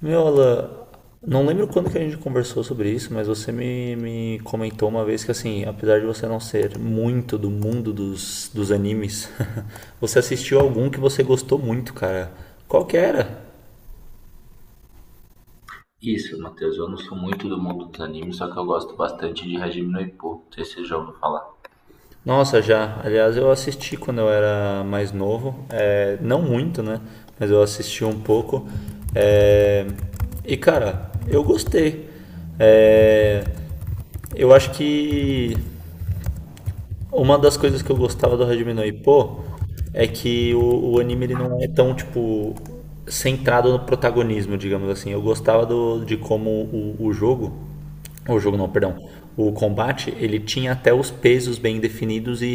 Meu, Alan, não lembro quando que a gente conversou sobre isso, mas você me comentou uma vez que, assim, apesar de você não ser muito do mundo dos animes, você assistiu algum que você gostou muito, cara. Qual que era? Isso, Matheus, eu não sou muito do mundo dos animes, só que eu gosto bastante de Hajime no Ippo, não sei se você já ouviu falar. Nossa, já. Aliás, eu assisti quando eu era mais novo. É, não muito, né? Mas eu assisti um pouco. É, e, cara, eu gostei. É, eu acho que Uma das coisas que eu gostava do Hajime no Ippo é que o anime ele não é tão, tipo, centrado no protagonismo, digamos assim. Eu gostava de como o jogo não, perdão, o combate, ele tinha até os pesos bem definidos e,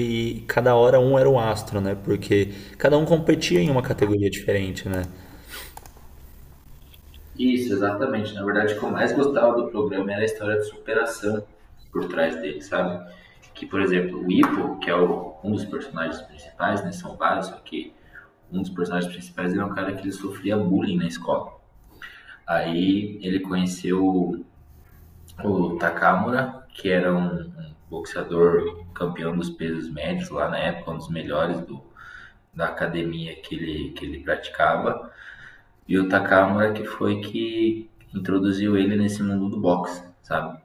e cada hora um era o astro, né? Porque cada um competia em uma categoria diferente, né? Isso, exatamente. Na verdade, o que eu mais gostava do programa era a história de superação por trás dele, sabe? Que, por exemplo, o Ippo, que é um dos personagens principais, né? São vários, só que um dos personagens principais era um cara que ele sofria bullying na escola. Aí ele conheceu o Takamura, que era um boxeador campeão dos pesos médios lá na época, um dos melhores do, da academia que ele praticava, e o Takamura que foi que introduziu ele nesse mundo do boxe, sabe?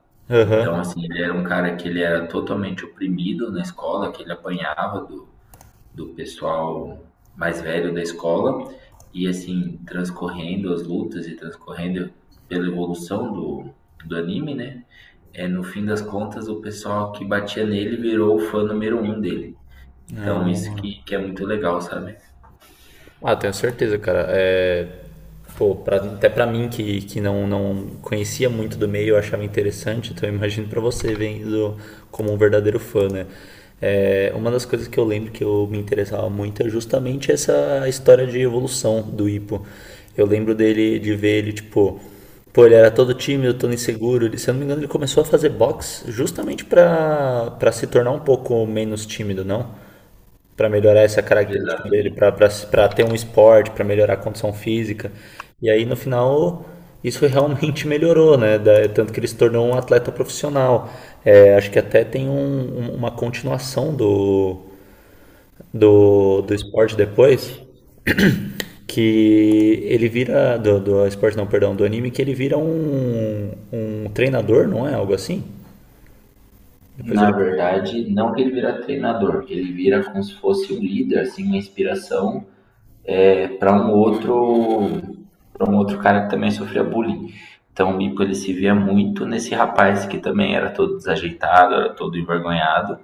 Então, Aham. assim, ele era um cara que ele era totalmente oprimido na escola, que ele apanhava do, do pessoal mais velho da escola, e assim, transcorrendo as lutas e transcorrendo pela evolução do, do anime, né? É, no fim das contas, o pessoal que batia nele virou o fã número 1 dele. Então, isso Ah. Que é muito legal, sabe? Ah, tenho certeza, cara. É, pô, até pra mim que não, não conhecia muito do meio, eu achava interessante, então eu imagino pra você vendo como um verdadeiro fã, né? É, uma das coisas que eu lembro que eu me interessava muito é justamente essa história de evolução do Ipo. Eu lembro dele de ver ele, tipo, pô, ele era todo tímido, todo inseguro. Ele, se eu não me engano, ele começou a fazer boxe justamente pra se tornar um pouco menos tímido, não? Para melhorar essa característica dele, Exatamente. para ter um esporte, para melhorar a condição física. E aí no final isso realmente melhorou, né? Tanto que ele se tornou um atleta profissional. É, acho que até tem uma continuação do esporte depois, que ele vira, do, do esporte não, perdão, do anime, que ele vira um treinador, não é? Algo assim? Depois Na ele verdade, não que ele vira treinador, ele vira como se fosse um líder, assim, uma inspiração é, para um outro para um outro cara que também sofria bullying. Então o Mico ele se via muito nesse rapaz que também era todo desajeitado, era todo envergonhado.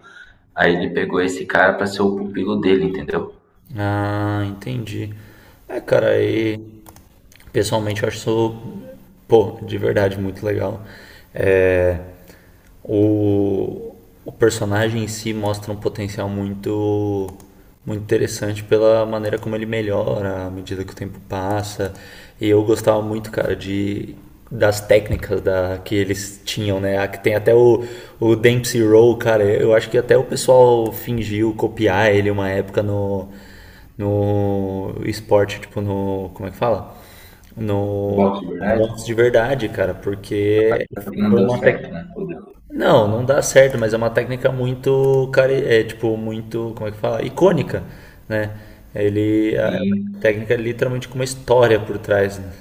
Aí ele pegou esse cara para ser o pupilo dele, entendeu? Ah, entendi. É, cara, aí pessoalmente eu acho isso, pô, de verdade muito legal. É, o, o personagem em si mostra um potencial muito, muito interessante pela maneira como ele melhora à medida que o tempo passa. E eu gostava muito, cara, de das técnicas da, que eles tinham, né? Que tem até o Dempsey Roll, cara. Eu acho que até o pessoal fingiu copiar ele uma época no esporte, tipo no. Como é que fala? No, Boxe, no verdade? boxe de verdade, cara, porque Só que não foi deu uma certo, técnica. né? Não, não dá certo, mas é uma técnica muito, cara, é tipo muito, como é que fala? Icônica, né? Ele é uma E técnica é literalmente com uma história por trás, né?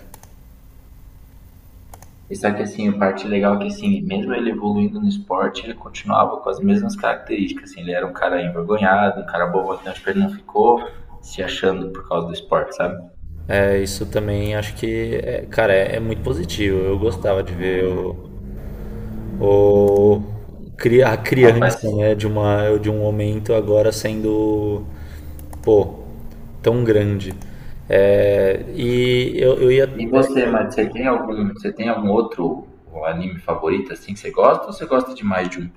E só que assim, a parte legal é que assim, mesmo ele evoluindo no esporte, ele continuava com as mesmas características, assim, ele era um cara envergonhado, um cara bobotão, tipo, ele não ficou se achando por causa do esporte, sabe? É, isso também acho que, cara, é, é muito positivo. Eu gostava de ver o- a O criança, rapaz. né, de um momento agora sendo, pô, tão grande. É, e eu ia E você, Mati, você tem algum outro anime favorito assim que você gosta ou você gosta de mais de um?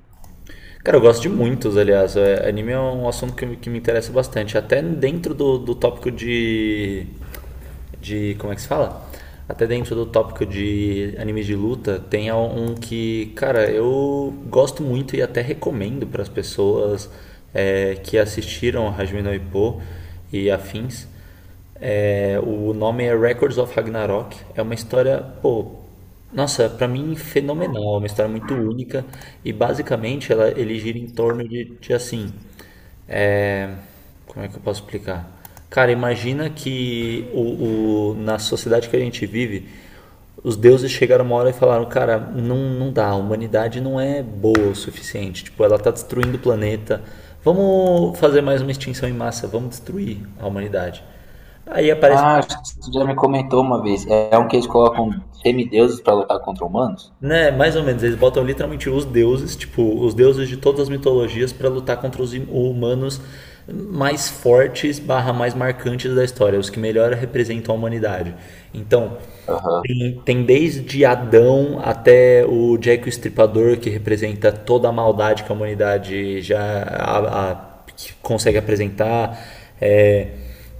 Cara, eu gosto de muitos, aliás. É, anime é um assunto que me interessa bastante. Até dentro do, do tópico de. De. Como é que se fala? Até dentro do tópico de animes de luta, tem um que, cara, eu gosto muito e até recomendo para as pessoas é, que assistiram Hajime no Ippo e afins. É, o nome é Records of Ragnarok. É uma história, pô, nossa, pra mim fenomenal. É uma história muito única e basicamente ele gira em torno de assim. É, como é que eu posso explicar? Cara, imagina que na sociedade que a gente vive, os deuses chegaram uma hora e falaram: Cara, não, não dá, a humanidade não é boa o suficiente. Tipo, ela tá destruindo o planeta. Vamos fazer mais uma extinção em massa, vamos destruir a humanidade. Aí aparece, Ah, acho que você já me comentou uma vez. É um que eles colocam semideuses pra lutar contra humanos? né, mais ou menos, eles botam literalmente os deuses, tipo, os deuses de todas as mitologias pra lutar contra os humanos mais fortes, barra mais marcantes da história, os que melhor representam a humanidade. Então, Aham. Tem, tem desde Adão até o Jack o Estripador, que representa toda a maldade que a humanidade que consegue apresentar, é,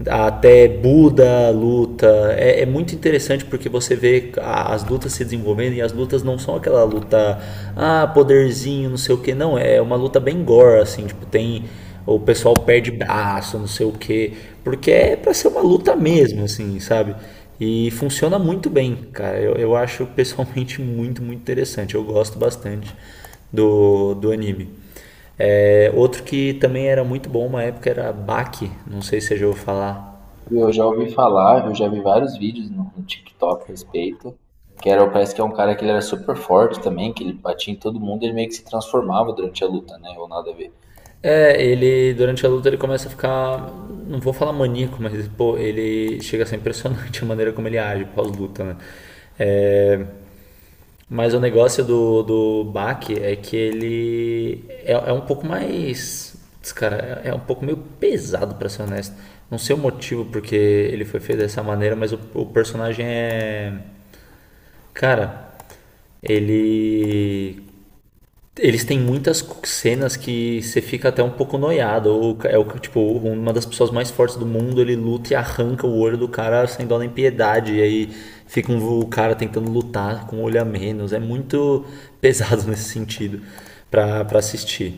até Buda luta. É, é muito interessante porque você vê as lutas se desenvolvendo e as lutas não são aquela luta, ah, poderzinho, não sei o que, não. É uma luta bem gore, assim, tipo, tem ou o pessoal perde braço, não sei o quê, porque é para ser uma luta mesmo, assim, sabe? E funciona muito bem, cara. Eu acho pessoalmente muito, muito interessante. Eu gosto bastante do anime. É, outro que também era muito bom uma época era Baki, não sei se você já ouviu falar. Eu já ouvi falar, eu já vi vários vídeos no TikTok a respeito, que era, parece que é um cara que ele era super forte também, que ele batia em todo mundo e ele meio que se transformava durante a luta, né? Ou nada a ver. É, ele durante a luta ele começa a ficar, não vou falar maníaco, mas pô, ele chega a ser impressionante a maneira como ele age pós-luta, né? É, mas o negócio do Bach é que ele é, é um pouco mais. Putz, cara, é é um pouco meio pesado, pra ser honesto. Não sei o motivo porque ele foi feito dessa maneira, mas o personagem é. Cara, ele eles têm muitas cenas que você fica até um pouco noiado. Ou é o tipo, uma das pessoas mais fortes do mundo, ele luta e arranca o olho do cara sem dó nem piedade. E aí o cara tentando lutar com o olho a menos. É muito pesado nesse sentido para assistir.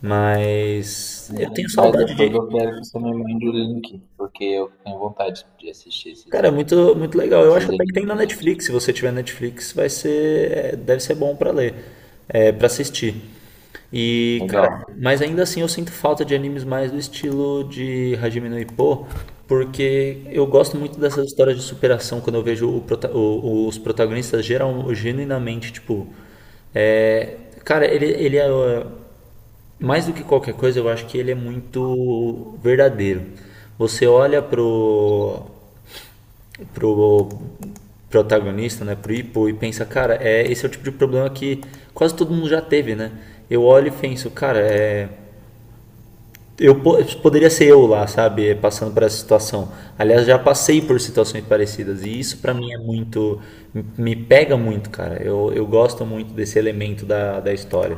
Mas eu Então, tenho mas saudade depois de. eu quero que você me mande o link, porque eu tenho vontade de assistir esses, Cara, é muito, muito legal. Eu acho esses até que animes tem na diferentes. Netflix. Se você tiver Netflix, vai ser, é, deve ser bom pra ler, é, para assistir. E, cara, Legal. mas ainda assim eu sinto falta de animes mais do estilo de Hajime no Ippo, porque eu gosto muito dessas histórias de superação quando eu vejo os protagonistas geral, genuinamente, tipo, é, cara, ele é ó, mais do que qualquer coisa, eu acho que ele é muito verdadeiro. Você olha pro protagonista, né, pro Ipo, e pensa, cara, é, esse é o tipo de problema que quase todo mundo já teve, né? Eu olho e penso, cara, é, eu poderia ser eu lá, sabe, passando por essa situação. Aliás, já passei por situações parecidas e isso pra mim é muito, me pega muito, cara. Eu gosto muito desse elemento da história.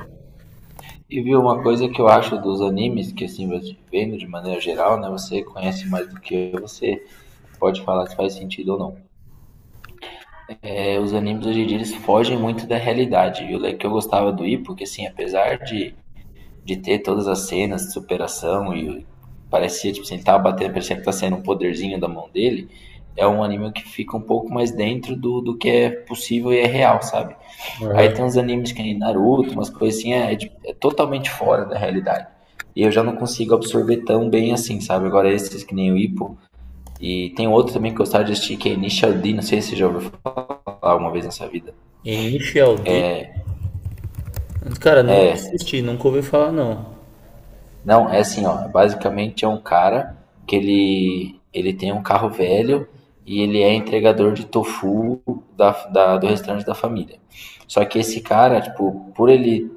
E viu uma coisa que eu acho dos animes, que assim, você vendo de maneira geral, né? Você conhece mais do que eu, você pode falar se faz sentido ou não. É, os animes hoje em dia eles fogem muito da realidade. E que eu gostava do Ippo, que assim, apesar de ter todas as cenas de superação e parecia, tipo assim, ele tava batendo, parecia que tá saindo um poderzinho da mão dele, é um anime que fica um pouco mais dentro do, do que é possível e é real, sabe? Aí tem Aham. uns animes que nem Naruto, umas coisas assim, é, é totalmente fora da realidade. E eu já não consigo absorver tão bem assim, sabe? Agora esses que nem o Ippo. E tem outro também que eu gostava de assistir, que é Initial D, não sei se você já ouviu falar uma vez na sua vida. Initial D? Cara, nunca assisti, nunca ouvi falar não. Não, é assim, ó, basicamente é um cara que ele tem um carro velho e ele é entregador de tofu da, do restaurante da família. Só que esse cara, tipo, por ele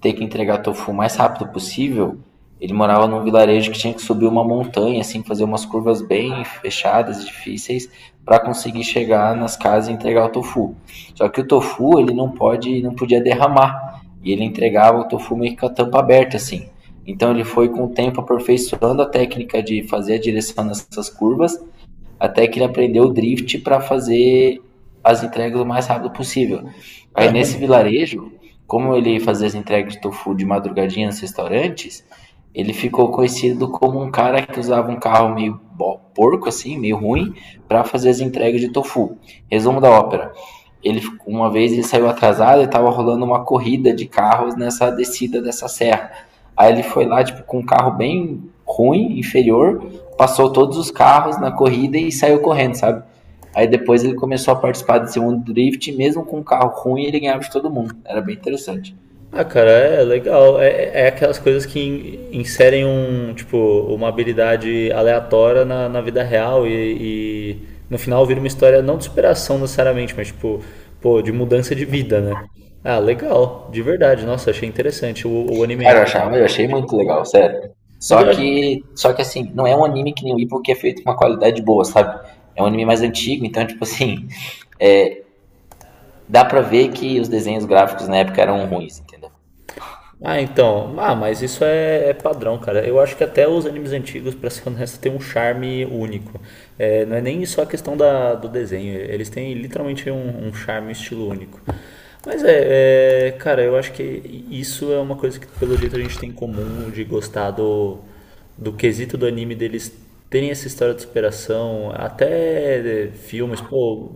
ter que entregar tofu o mais rápido possível, ele morava num vilarejo que tinha que subir uma montanha, assim, fazer umas curvas bem fechadas, difíceis, para conseguir chegar nas casas e entregar o tofu. Só que o tofu, ele não pode, não podia derramar. E ele entregava o tofu meio que com a tampa aberta, assim. Então ele foi com o tempo aperfeiçoando a técnica de fazer a direção nessas curvas até que ele aprendeu o drift para fazer as entregas o mais rápido possível. Aí nesse vilarejo, como ele fazia as entregas de tofu de madrugadinha nos restaurantes, ele ficou conhecido como um cara que usava um carro meio porco assim, meio ruim, para fazer as entregas de tofu. Resumo da ópera. Ele uma vez ele saiu atrasado e estava rolando uma corrida de carros nessa descida dessa serra. Aí ele foi lá tipo com um carro bem ruim, inferior, passou todos os carros na corrida e saiu correndo, sabe? Aí depois ele começou a participar desse mundo drift, e mesmo com um carro ruim, ele ganhava de todo mundo. Era bem interessante. Ah, cara, é legal. É, é é aquelas coisas que inserem um, tipo, uma habilidade aleatória na vida real e no final vira uma história não de superação necessariamente, mas tipo, pô, de mudança de vida, né? Ah, legal, de verdade. Nossa, achei interessante o anime. Cara, eu, achava, eu achei muito legal, sério. Mas eu acho, Só que assim, não é um anime que nem o Ipo que é feito com uma qualidade boa, sabe? É um anime mais antigo, então, tipo assim, é, dá pra ver que os desenhos gráficos na época eram ruins, entendeu? Ah, então. Ah, mas isso é, é padrão, cara. Eu acho que até os animes antigos, pra ser honesto, tem um charme único. É, não é nem só a questão da, do desenho. Eles têm literalmente um charme, um estilo único. Mas é, é, cara, eu acho que isso é uma coisa que, pelo jeito, a gente tem em comum de gostar do quesito do anime deles terem essa história de superação, até filmes, pô.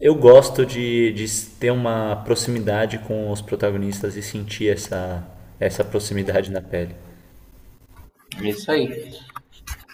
Eu gosto de ter uma proximidade com os protagonistas e sentir essa, essa proximidade na pele. É isso aí.